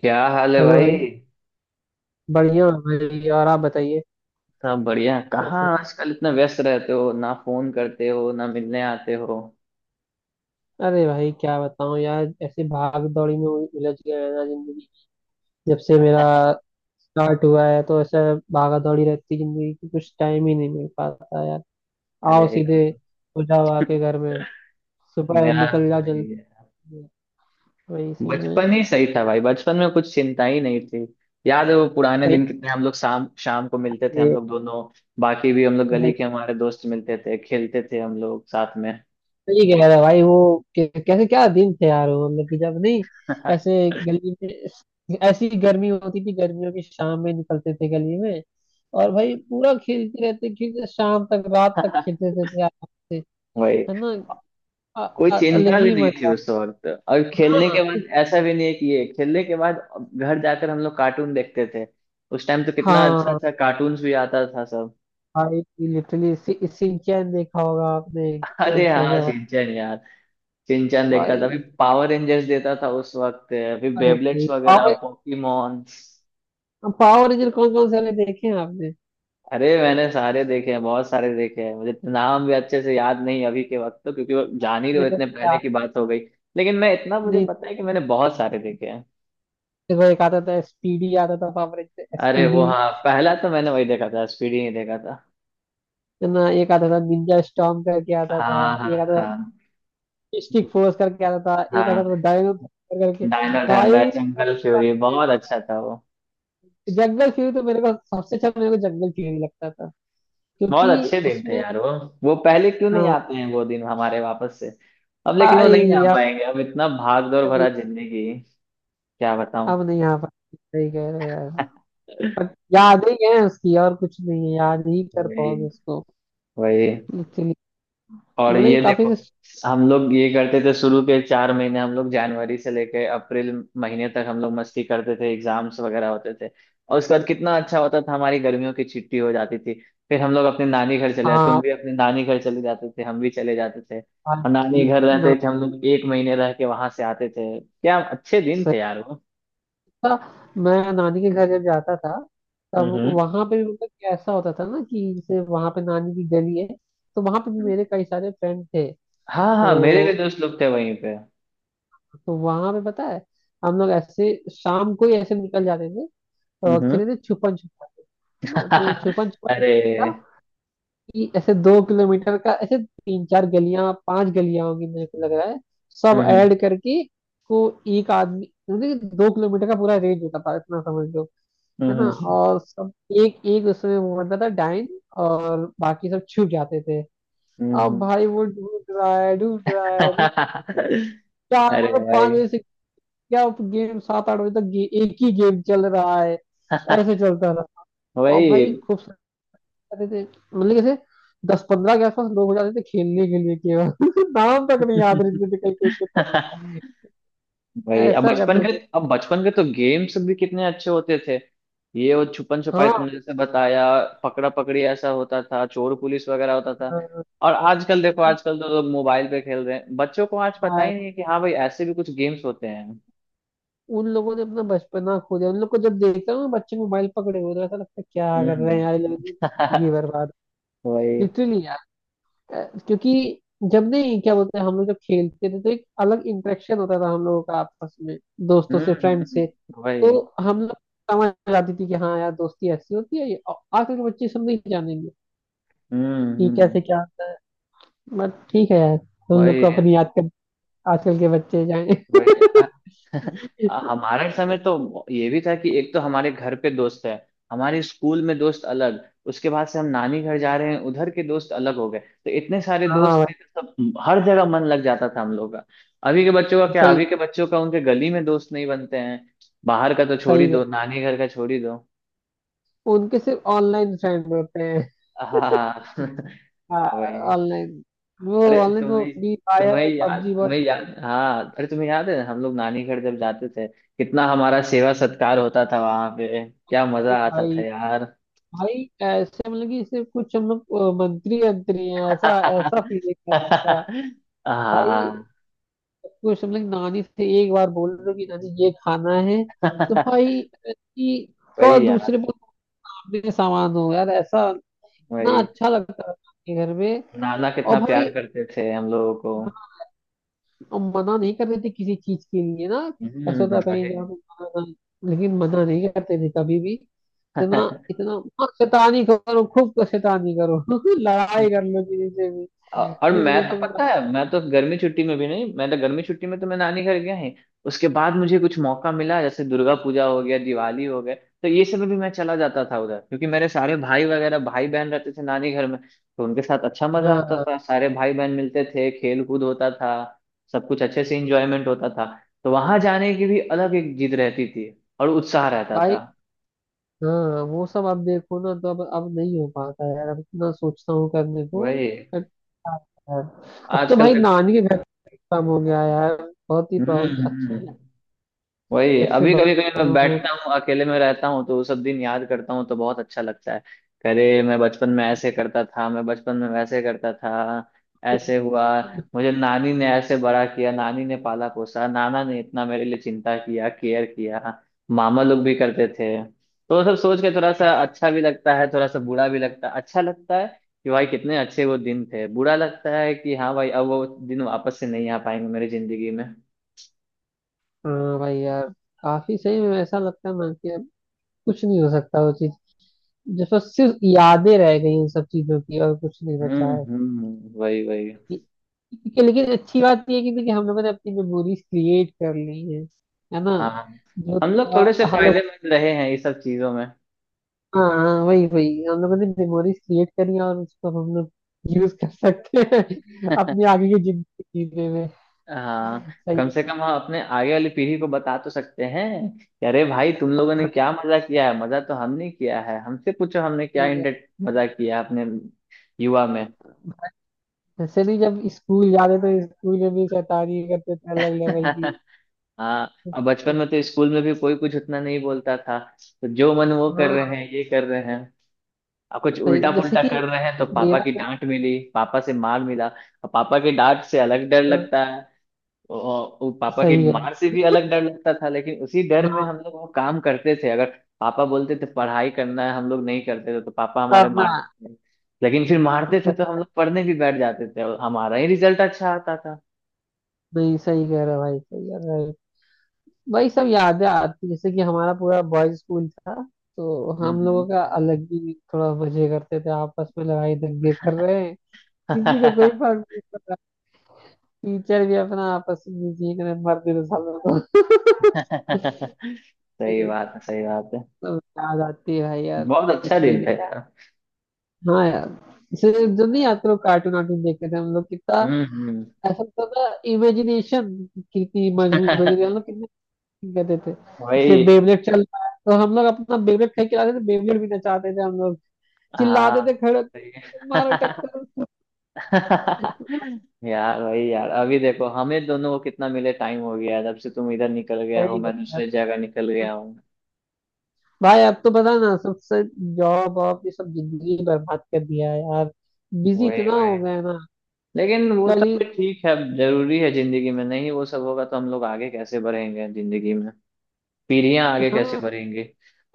क्या हाल है हेलो भाई। भाई। बढ़िया हूँ भाई, और आप बताइए। सब बढ़िया। कहाँ कैसे? आजकल इतना व्यस्त रहते हो, ना फोन करते हो ना मिलने आते हो। अरे भाई क्या बताऊँ यार, ऐसे भाग दौड़ी में उलझ गया है ना जिंदगी। जब से मेरा स्टार्ट हुआ है तो ऐसा भागा दौड़ी रहती जिंदगी की, कुछ टाइम ही नहीं मिल पाता यार। अरे आओ सीधे यार। हो जाओ आके घर में। सुबह मेरा निकल भी जाओ जल्दी। वही है। वही सीन है। बचपन ही सही था भाई, बचपन में कुछ चिंता ही नहीं थी। याद है वो पुराने सही दिन, कितने हम लोग शाम शाम को मिलते थे हम लोग दोनों। बाकी भी हम लोग गली है। के हमारे दोस्त मिलते थे, खेलते थे हम लोग साथ में। सही कह रहा है भाई वो। कैसे क्या दिन थे यार वो, मतलब कि जब नहीं, ऐसे गली में ऐसी गर्मी होती थी, गर्मियों की शाम में निकलते थे गली में और भाई पूरा खेलते रहते, खेलते शाम तक, रात तक खेलते रहते थे आराम से। वही। है ना? अ- कोई अलग चिंता भी ही नहीं थी मजा। उस वक्त, और खेलने के हाँ। बाद ऐसा भी नहीं है कि ये खेलने के बाद घर जाकर हम लोग कार्टून देखते थे। उस टाइम तो कितना अच्छा हाँ अच्छा कार्टून्स भी आता था सब। भाई, लिटरली सिंचैन देखा होगा आपने कितना। अरे हाँ, गजब सिंचन यार। सिंचन देखता था, भाई। अभी पावर रेंजर्स देता था उस वक्त, अभी अरे बेबलेट्स नहीं वगैरह पावर पोकीमॉन्स। पावर रेंजर कौन कौन से वाले देखे हैं आपने? अरे मैंने सारे देखे हैं, बहुत सारे देखे हैं। मुझे नाम भी अच्छे से याद नहीं अभी के वक्त तो, क्योंकि वो जान ही रहे हो, मेरे इतने को पहले याद की बात हो गई। लेकिन मैं इतना, मुझे नहीं। पता है कि मैंने बहुत सारे देखे। फिर वो एक आता था एसपीडी, आता था पावर अरे वो, एसपीडी। हाँ, पहला तो मैंने वही देखा था, स्पीडी नहीं देखा था। है ना, एक आता था निंजा स्टॉर्म करके आता था, हाँ, एक हाँ, आता था हाँ। मिस्टिक फोर्स करके आता था, एक आता हाँ, था डायनो थंडर करके। डायनो ठंडा भाई जंगल फ्यूरी बहुत अच्छा था वो। जंगल फ्यूरी तो मेरे को सबसे अच्छा, मेरे को जंगल फ्यूरी लगता था, बहुत क्योंकि अच्छे दिन थे उसमें। यार वो। वो पहले क्यों नहीं हाँ आते हैं वो दिन हमारे वापस से। अब लेकिन वो नहीं भाई आ आप पाएंगे, अब इतना भाग दौड़ भरा सही। जिंदगी। क्या बताऊं। अब नहीं आ पाते, सही कह रहे हो यार। बट याद ही है उसकी, और कुछ नहीं है, याद ही कर वही, पाओगे उसको। वही। एक्चुअली और मतलब ये ये काफी देखो, से। हम लोग ये करते थे, शुरू के चार महीने हम लोग जनवरी से लेके अप्रैल महीने तक हम लोग मस्ती करते थे, एग्जाम्स वगैरह होते थे। और उसके बाद कितना अच्छा होता था, हमारी गर्मियों की छुट्टी हो जाती थी। फिर हम लोग अपने नानी घर चले जाते, तुम हाँ भी अपने नानी घर चले जाते थे, हम भी चले जाते थे, और नानी भाई, घर ना रहते थे हम लोग, एक महीने रह के वहां से आते थे। क्या अच्छे दिन थे यार वो। था, मैं नानी के घर जब जाता था हम्म, तब वहां पे भी, मतलब कि ऐसा होता था ना कि जैसे वहां पे नानी की गली है, तो वहां पे भी मेरे कई सारे फ्रेंड थे। हाँ, हाँ, मेरे भी तो दोस्त लोग थे वहीं पे। तो वहां पे पता है, हम लोग ऐसे शाम को ही ऐसे निकल जाते थे और हम्म। खेलते थे छुपन छुपाई। है ना? तो छुपन छुपाई अरे। कि ऐसे 2 किलोमीटर का, ऐसे तीन चार गलियां, पांच गलियां होंगी मेरे को लग रहा है, हम्म, सब हम्म, ऐड करके को। एक आदमी, मतलब कि 2 किलोमीटर का पूरा रेंज होता था इतना समझ लो। है ना? हम्म, और सब एक एक उसमें वो बनता था डाइन और बाकी सब छुप जाते थे। हम्म, अब भाई वो ढूंढ रहा है, ढूंढ रहा है, चार अरे मतलब पांच भाई। बजे से, क्या गेम? 7-8 बजे तक एक ही गेम चल रहा है। ऐसे चलता रहा। और भाई वही। खूब जाते थे, मतलब कैसे 10-15 के आसपास लोग हो जाते थे खेलने के लिए केवल नाम तक नहीं याद रहते थे कई कई के तो। भाई अब ऐसा बचपन करते के थे। अब बचपन के तो गेम्स भी कितने अच्छे होते थे। ये वो छुपन छुपाई हाँ। तुमने जैसे बताया। पकड़ा पकड़ी ऐसा होता था, चोर पुलिस वगैरह होता था। हाँ, और आजकल देखो, एक आजकल तो लोग मोबाइल पे खेल रहे हैं, बच्चों को आज पता बार ही नहीं है कि हाँ भाई ऐसे भी कुछ गेम्स होते हैं। उन लोगों ने अपना बचपना खो दिया, उन लोग को जब देखता हूँ बच्चे मोबाइल पकड़े हुए तो ऐसा लगता है क्या कर रहे हैं हम्म। यार ये लोग, जिंदगी बर्बाद। वही। लिटरली। क्योंकि जब नहीं क्या बोलते हैं हम लोग, जब खेलते थे तो एक अलग इंटरेक्शन होता था हम लोगों का आपस में, दोस्तों हम्म, से, फ्रेंड से। वही। तो हम लोग समझ जाती थी कि हाँ यार दोस्ती ऐसी होती है, ये आजकल के बच्चे सब नहीं जानेंगे हम्म, कि कैसे क्या होता है। बट ठीक है यार, हम लोग को वही, अपनी याद कर, आजकल के बच्चे जाए। वही। हमारे समय तो ये भी था कि एक तो हमारे घर पे दोस्त है, हमारे स्कूल में दोस्त अलग, उसके बाद से हम नानी घर जा रहे हैं उधर के दोस्त अलग हो गए, तो इतने सारे हाँ दोस्त भाई, थे तो सब हर जगह मन लग जाता था हम लोग का। अभी के बच्चों का क्या, सही। अभी के बच्चों का उनके गली में दोस्त नहीं बनते हैं। बाहर का तो छोड़ ही सही है। दो, नानी घर का छोड़ ही दो। उनके सिर्फ ऑनलाइन फ्रेंड होते हैं। हाँ। वही। ऑनलाइन, वो अरे ऑनलाइन, वो तुम्हें फ्री तुम्हें फायर याद, पबजी, वो तुम्हें याद, हाँ, अरे तुम्हें याद है हम लोग नानी घर जब जाते थे कितना हमारा सेवा सत्कार होता था वहां पे, क्या मजा ये आता था भाई। यार। भाई ऐसे मतलब कि सिर्फ कुछ हम लोग मंत्री अंतरी हैं, ऐसा ऐसा फील था। भाई हाँ। कुछ हम लोग नानी से एक बार बोल रहे हो कि नानी ये खाना है, तो भाई कि को वही यार, दूसरे पर मांगने का सामान हो यार ऐसा। ना वही। अच्छा लगता था के घर में। नाना और कितना प्यार भाई करते थे हम लोगों को। हम मना नहीं करते थे किसी चीज के लिए ना, ऐसा हम्म, होता कहीं वही। जाओ तो मना, ना लेकिन मना नहीं करते थे कभी भी। इतना इतना हाँ, शैतानी करो खूब शैतानी करो लड़ाई कर लो किसी से भी। औ- और कुछ मैं नहीं तो तुम। पता है, मैं तो गर्मी छुट्टी में भी नहीं मैं तो गर्मी छुट्टी में तो मैं नानी घर गया ही। उसके बाद मुझे कुछ मौका मिला, जैसे दुर्गा पूजा हो गया, दिवाली हो गया, तो ये सब में भी मैं चला जाता था उधर, क्योंकि मेरे सारे भाई बहन रहते थे नानी घर में। तो उनके साथ अच्छा मजा आता हाँ था, सारे भाई बहन मिलते थे, खेल कूद होता था। सब कुछ अच्छे से इंजॉयमेंट होता था। तो वहां जाने की भी अलग एक जिद रहती थी। और उत्साह रहता भाई। था। हाँ वो सब अब देखो ना, तो अब नहीं हो पाता है यार, अब इतना सोचता हूँ करने को। वही। बट यार, अब तो आजकल भाई देखो। नानी के घर काम हो गया है यार, बहुत ही हम्म, अच्छा हम्म, है। वही। जब से अभी कभी कभी बचपन मैं में, बैठता हूँ, अकेले में रहता हूँ, तो वो सब दिन याद करता हूँ तो बहुत अच्छा लगता है। अरे मैं बचपन में ऐसे करता था, मैं बचपन में वैसे करता था, ऐसे हुआ। मुझे नानी ने ऐसे बड़ा किया, नानी ने पाला पोसा, नाना ने इतना मेरे लिए चिंता किया, केयर किया। मामा लोग भी करते थे, तो वो सब सोच के थोड़ा सा अच्छा भी लगता है, थोड़ा सा बुरा भी लगता है। अच्छा लगता है कि भाई कितने अच्छे वो दिन थे। बुरा लगता है कि हाँ भाई अब वो दिन वापस से नहीं आ पाएंगे मेरी जिंदगी में। हाँ भाई यार काफी, सही में ऐसा लगता है ना कि अब कुछ नहीं हो सकता वो चीज, जैसे सिर्फ यादें रह गई उन सब चीजों की और कुछ नहीं बचा हम्म, है। हम्म, वही, वही। कि, लेकिन अच्छी बात ये है कि हम लोगों ने अपनी मेमोरीज क्रिएट कर ली है। है ना? हाँ, जो हम लोग थोड़े से था हम लोग। फायदेमंद रहे हैं ये सब चीजों में। हाँ। हाँ, वही वही हम लोगों ने मेमोरीज क्रिएट करी हैं और उसको अब हम लोग यूज कर सकते हैं अपनी आगे की जिंदगी जीने में। हाँ। सही कम है। से कम हम अपने आगे वाली पीढ़ी को बता तो सकते हैं कि अरे भाई तुम लोगों ने क्या मजा किया है, मजा तो हमने किया है, हमसे पूछो हमने क्या सही है। इंटर, मजा किया है अपने युवा में। वैसे नहीं, जब स्कूल जाते तो स्कूल में भी शैतानी करते थे अलग लेवल की। हाँ, और बचपन में तो स्कूल में भी कोई कुछ उतना नहीं बोलता था। तो जो मन वो कर हाँ रहे हैं, ये कर रहे हैं। अब कुछ सही, उल्टा जैसे पुल्टा कि कर रहे हैं तो पापा मेरा की डांट मिली, पापा से मार मिला, और पापा की डांट से अलग डर हाँ, लगता। वो पापा की सही है। मार से भी अलग डर लगता था, लेकिन उसी डर में हाँ हम लोग वो काम करते थे, अगर पापा बोलते थे पढ़ाई करना है, हम लोग नहीं करते थे तो पापा हमारे करना। मारते थे। लेकिन फिर मारते थे तो हम लोग पढ़ने भी बैठ जाते थे, और हमारा ही रिजल्ट अच्छा आता था। नहीं सही कह रहा भाई, सही कह रहा है। वही सब यादें आती जैसे कि हमारा पूरा बॉयज स्कूल था, तो हम हम्म। लोगों का अलग ही, थोड़ा मजे करते थे आपस में, लड़ाई दंगे कर रहे हैं किसी को कोई फर्क नहीं पड़ा, टीचर भी अपना आपस में जी कर मरते तो सब लोग। सही बात है, सही बात है। सब याद आती है भाई यार, बहुत अच्छा कुछ नहीं दिन था यार। हाँ यार। इससे जो नहीं आते लोग, कार्टून वार्टून देखते थे हम लोग कितना, हम्म, हम्म। ऐसा होता था। इमेजिनेशन कितनी मजबूत हो गई थी, हम लोग कितने कहते थे। जैसे वही। बेबलेट चल रहा है तो हम लोग अपना बेबलेट फेंक के लाते थे, बेबलेट भी नचाते थे हम लोग। चिल्लाते थे हाँ, खड़े होके, सही मारो है। टक्कर। यार, वही यार, अभी देखो हमें दोनों को कितना मिले टाइम हो गया है। जब से तुम इधर निकल गया हो, सही मैं बात है। दूसरी जगह निकल गया हूँ। भाई अब तो पता ना, सबसे जॉब वॉब ये सब जिंदगी बर्बाद कर दिया है यार, बिजी वही, इतना वही। हो गया है ना। लेकिन वो कल सब ही। भी ठीक है, जरूरी है जिंदगी में, नहीं वो सब होगा तो हम लोग आगे कैसे बढ़ेंगे जिंदगी में। पीढ़ियां आगे कैसे हाँ। बढ़ेंगी।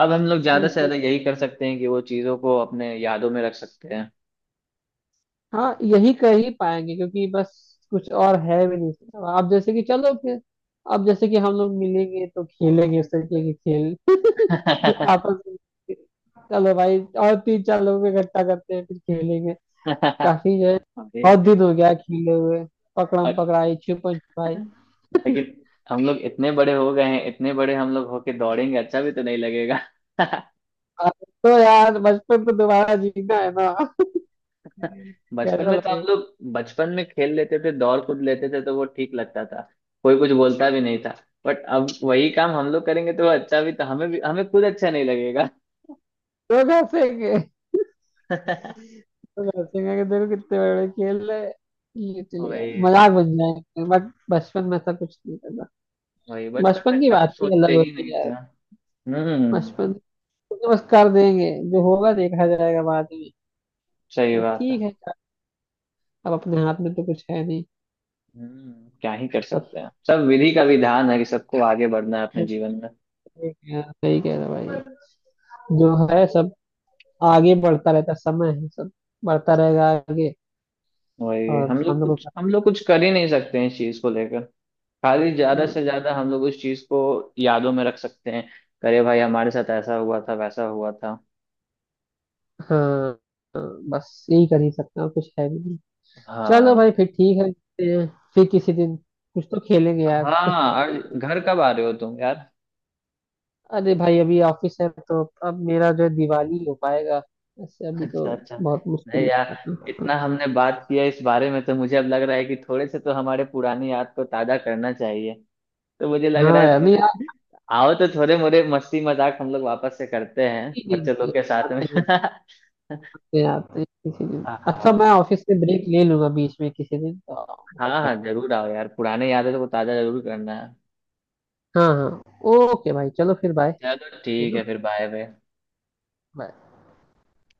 अब हम लोग ज्यादा से उनसे- ज्यादा यही कर सकते हैं कि वो चीजों को अपने यादों में रख सकते हैं। हाँ यही कर ही पाएंगे, क्योंकि बस कुछ और है भी नहीं। अब जैसे कि चलो फिर, अब जैसे कि हम लोग मिलेंगे तो खेलेंगे इस तरीके के खेल। आपस में। चलो भाई, और तीन चार लोग इकट्ठा करते हैं फिर खेलेंगे। काफी जो है, अरे, बहुत दिन हो गया खेले हुए पकड़म और- पकड़ाई छुपन छुपाई। लेकिन हम लोग इतने बड़े हो गए हैं, इतने बड़े हम लोग होके दौड़ेंगे, अच्छा भी तो नहीं लगेगा। अब तो यार बचपन तो दोबारा जीना है ना? बचपन कैसा में तो हम लगे, लोग बचपन में खेल लेते थे, दौड़ कूद लेते थे तो वो ठीक लगता था। कोई कुछ बोलता भी नहीं था। बट अब वही काम हम लोग करेंगे तो वो अच्छा भी तो, हमें भी हमें खुद अच्छा नहीं लगेगा। लोग हंसेंगे, लोग हंसेंगे कि देखो कितने बड़े बड़े खेल रहे हैं। ये चलिए वही, मजाक बन जाएंगे बट बचपन में ऐसा कुछ नहीं करता। वही। बचपन में बचपन की इतना कुछ बात ही अलग सोचते ही होती नहीं है थे। यार, हम्म। बचपन तो बस कर देंगे जो होगा देखा जाएगा बाद में। सही पर बात है। ठीक है यार, अब अपने हाथ में तो कुछ है नहीं। हम्म, क्या ही कर सब सकते हैं, सब विधि का विधान है कि सबको आगे बढ़ना है अपने जीवन में। सही कह रहे हो, सही कह रहे हो भाई। जो है सब आगे बढ़ता रहता है, समय है सब बढ़ता रहेगा आगे, वही, और हम लोग हम लोग कुछ को। हम लोग कुछ कर ही नहीं सकते हैं इस चीज को लेकर। खाली ज्यादा हाँ। से ज्यादा हम लोग उस चीज को यादों में रख सकते हैं। अरे भाई, हमारे साथ ऐसा हुआ था, वैसा हुआ था। हाँ, बस यही कर ही सकते हैं, और कुछ है भी नहीं। चलो हाँ। भाई फिर ठीक है मिलते हैं। फिर किसी दिन कुछ तो खेलेंगे यार। हाँ, और घर कब आ रहे हो तुम यार? अरे भाई अभी ऑफिस है, तो अब मेरा जो है दिवाली हो पाएगा, ऐसे अभी तो। अच्छा, अच्छा। बहुत नहीं मुश्किल यार, लगता था। इतना हमने बात किया इस बारे में तो मुझे अब लग रहा है कि थोड़े से तो हमारे पुरानी याद को ताजा करना चाहिए। तो मुझे लग रहा हाँ है यार। नहीं थोड़े आओ तो थोड़े मोरे मस्ती मजाक हम लोग वापस से करते हैं आते ही बच्चे नहीं, लोग के साथ में। आते हैं आते हैं आते हैं किसी दिन। अच्छा हाँ। मैं ऑफिस से ब्रेक ले लूंगा बीच में किसी दिन तो। हाँ, हाँ, पक्का। जरूर आओ यार, पुराने यादें तो ताजा जरूर करना है। हाँ हाँ। ओके भाई, चलो फिर बाय। चलो है ठीक ना? है फिर, बाय बाय। Bye।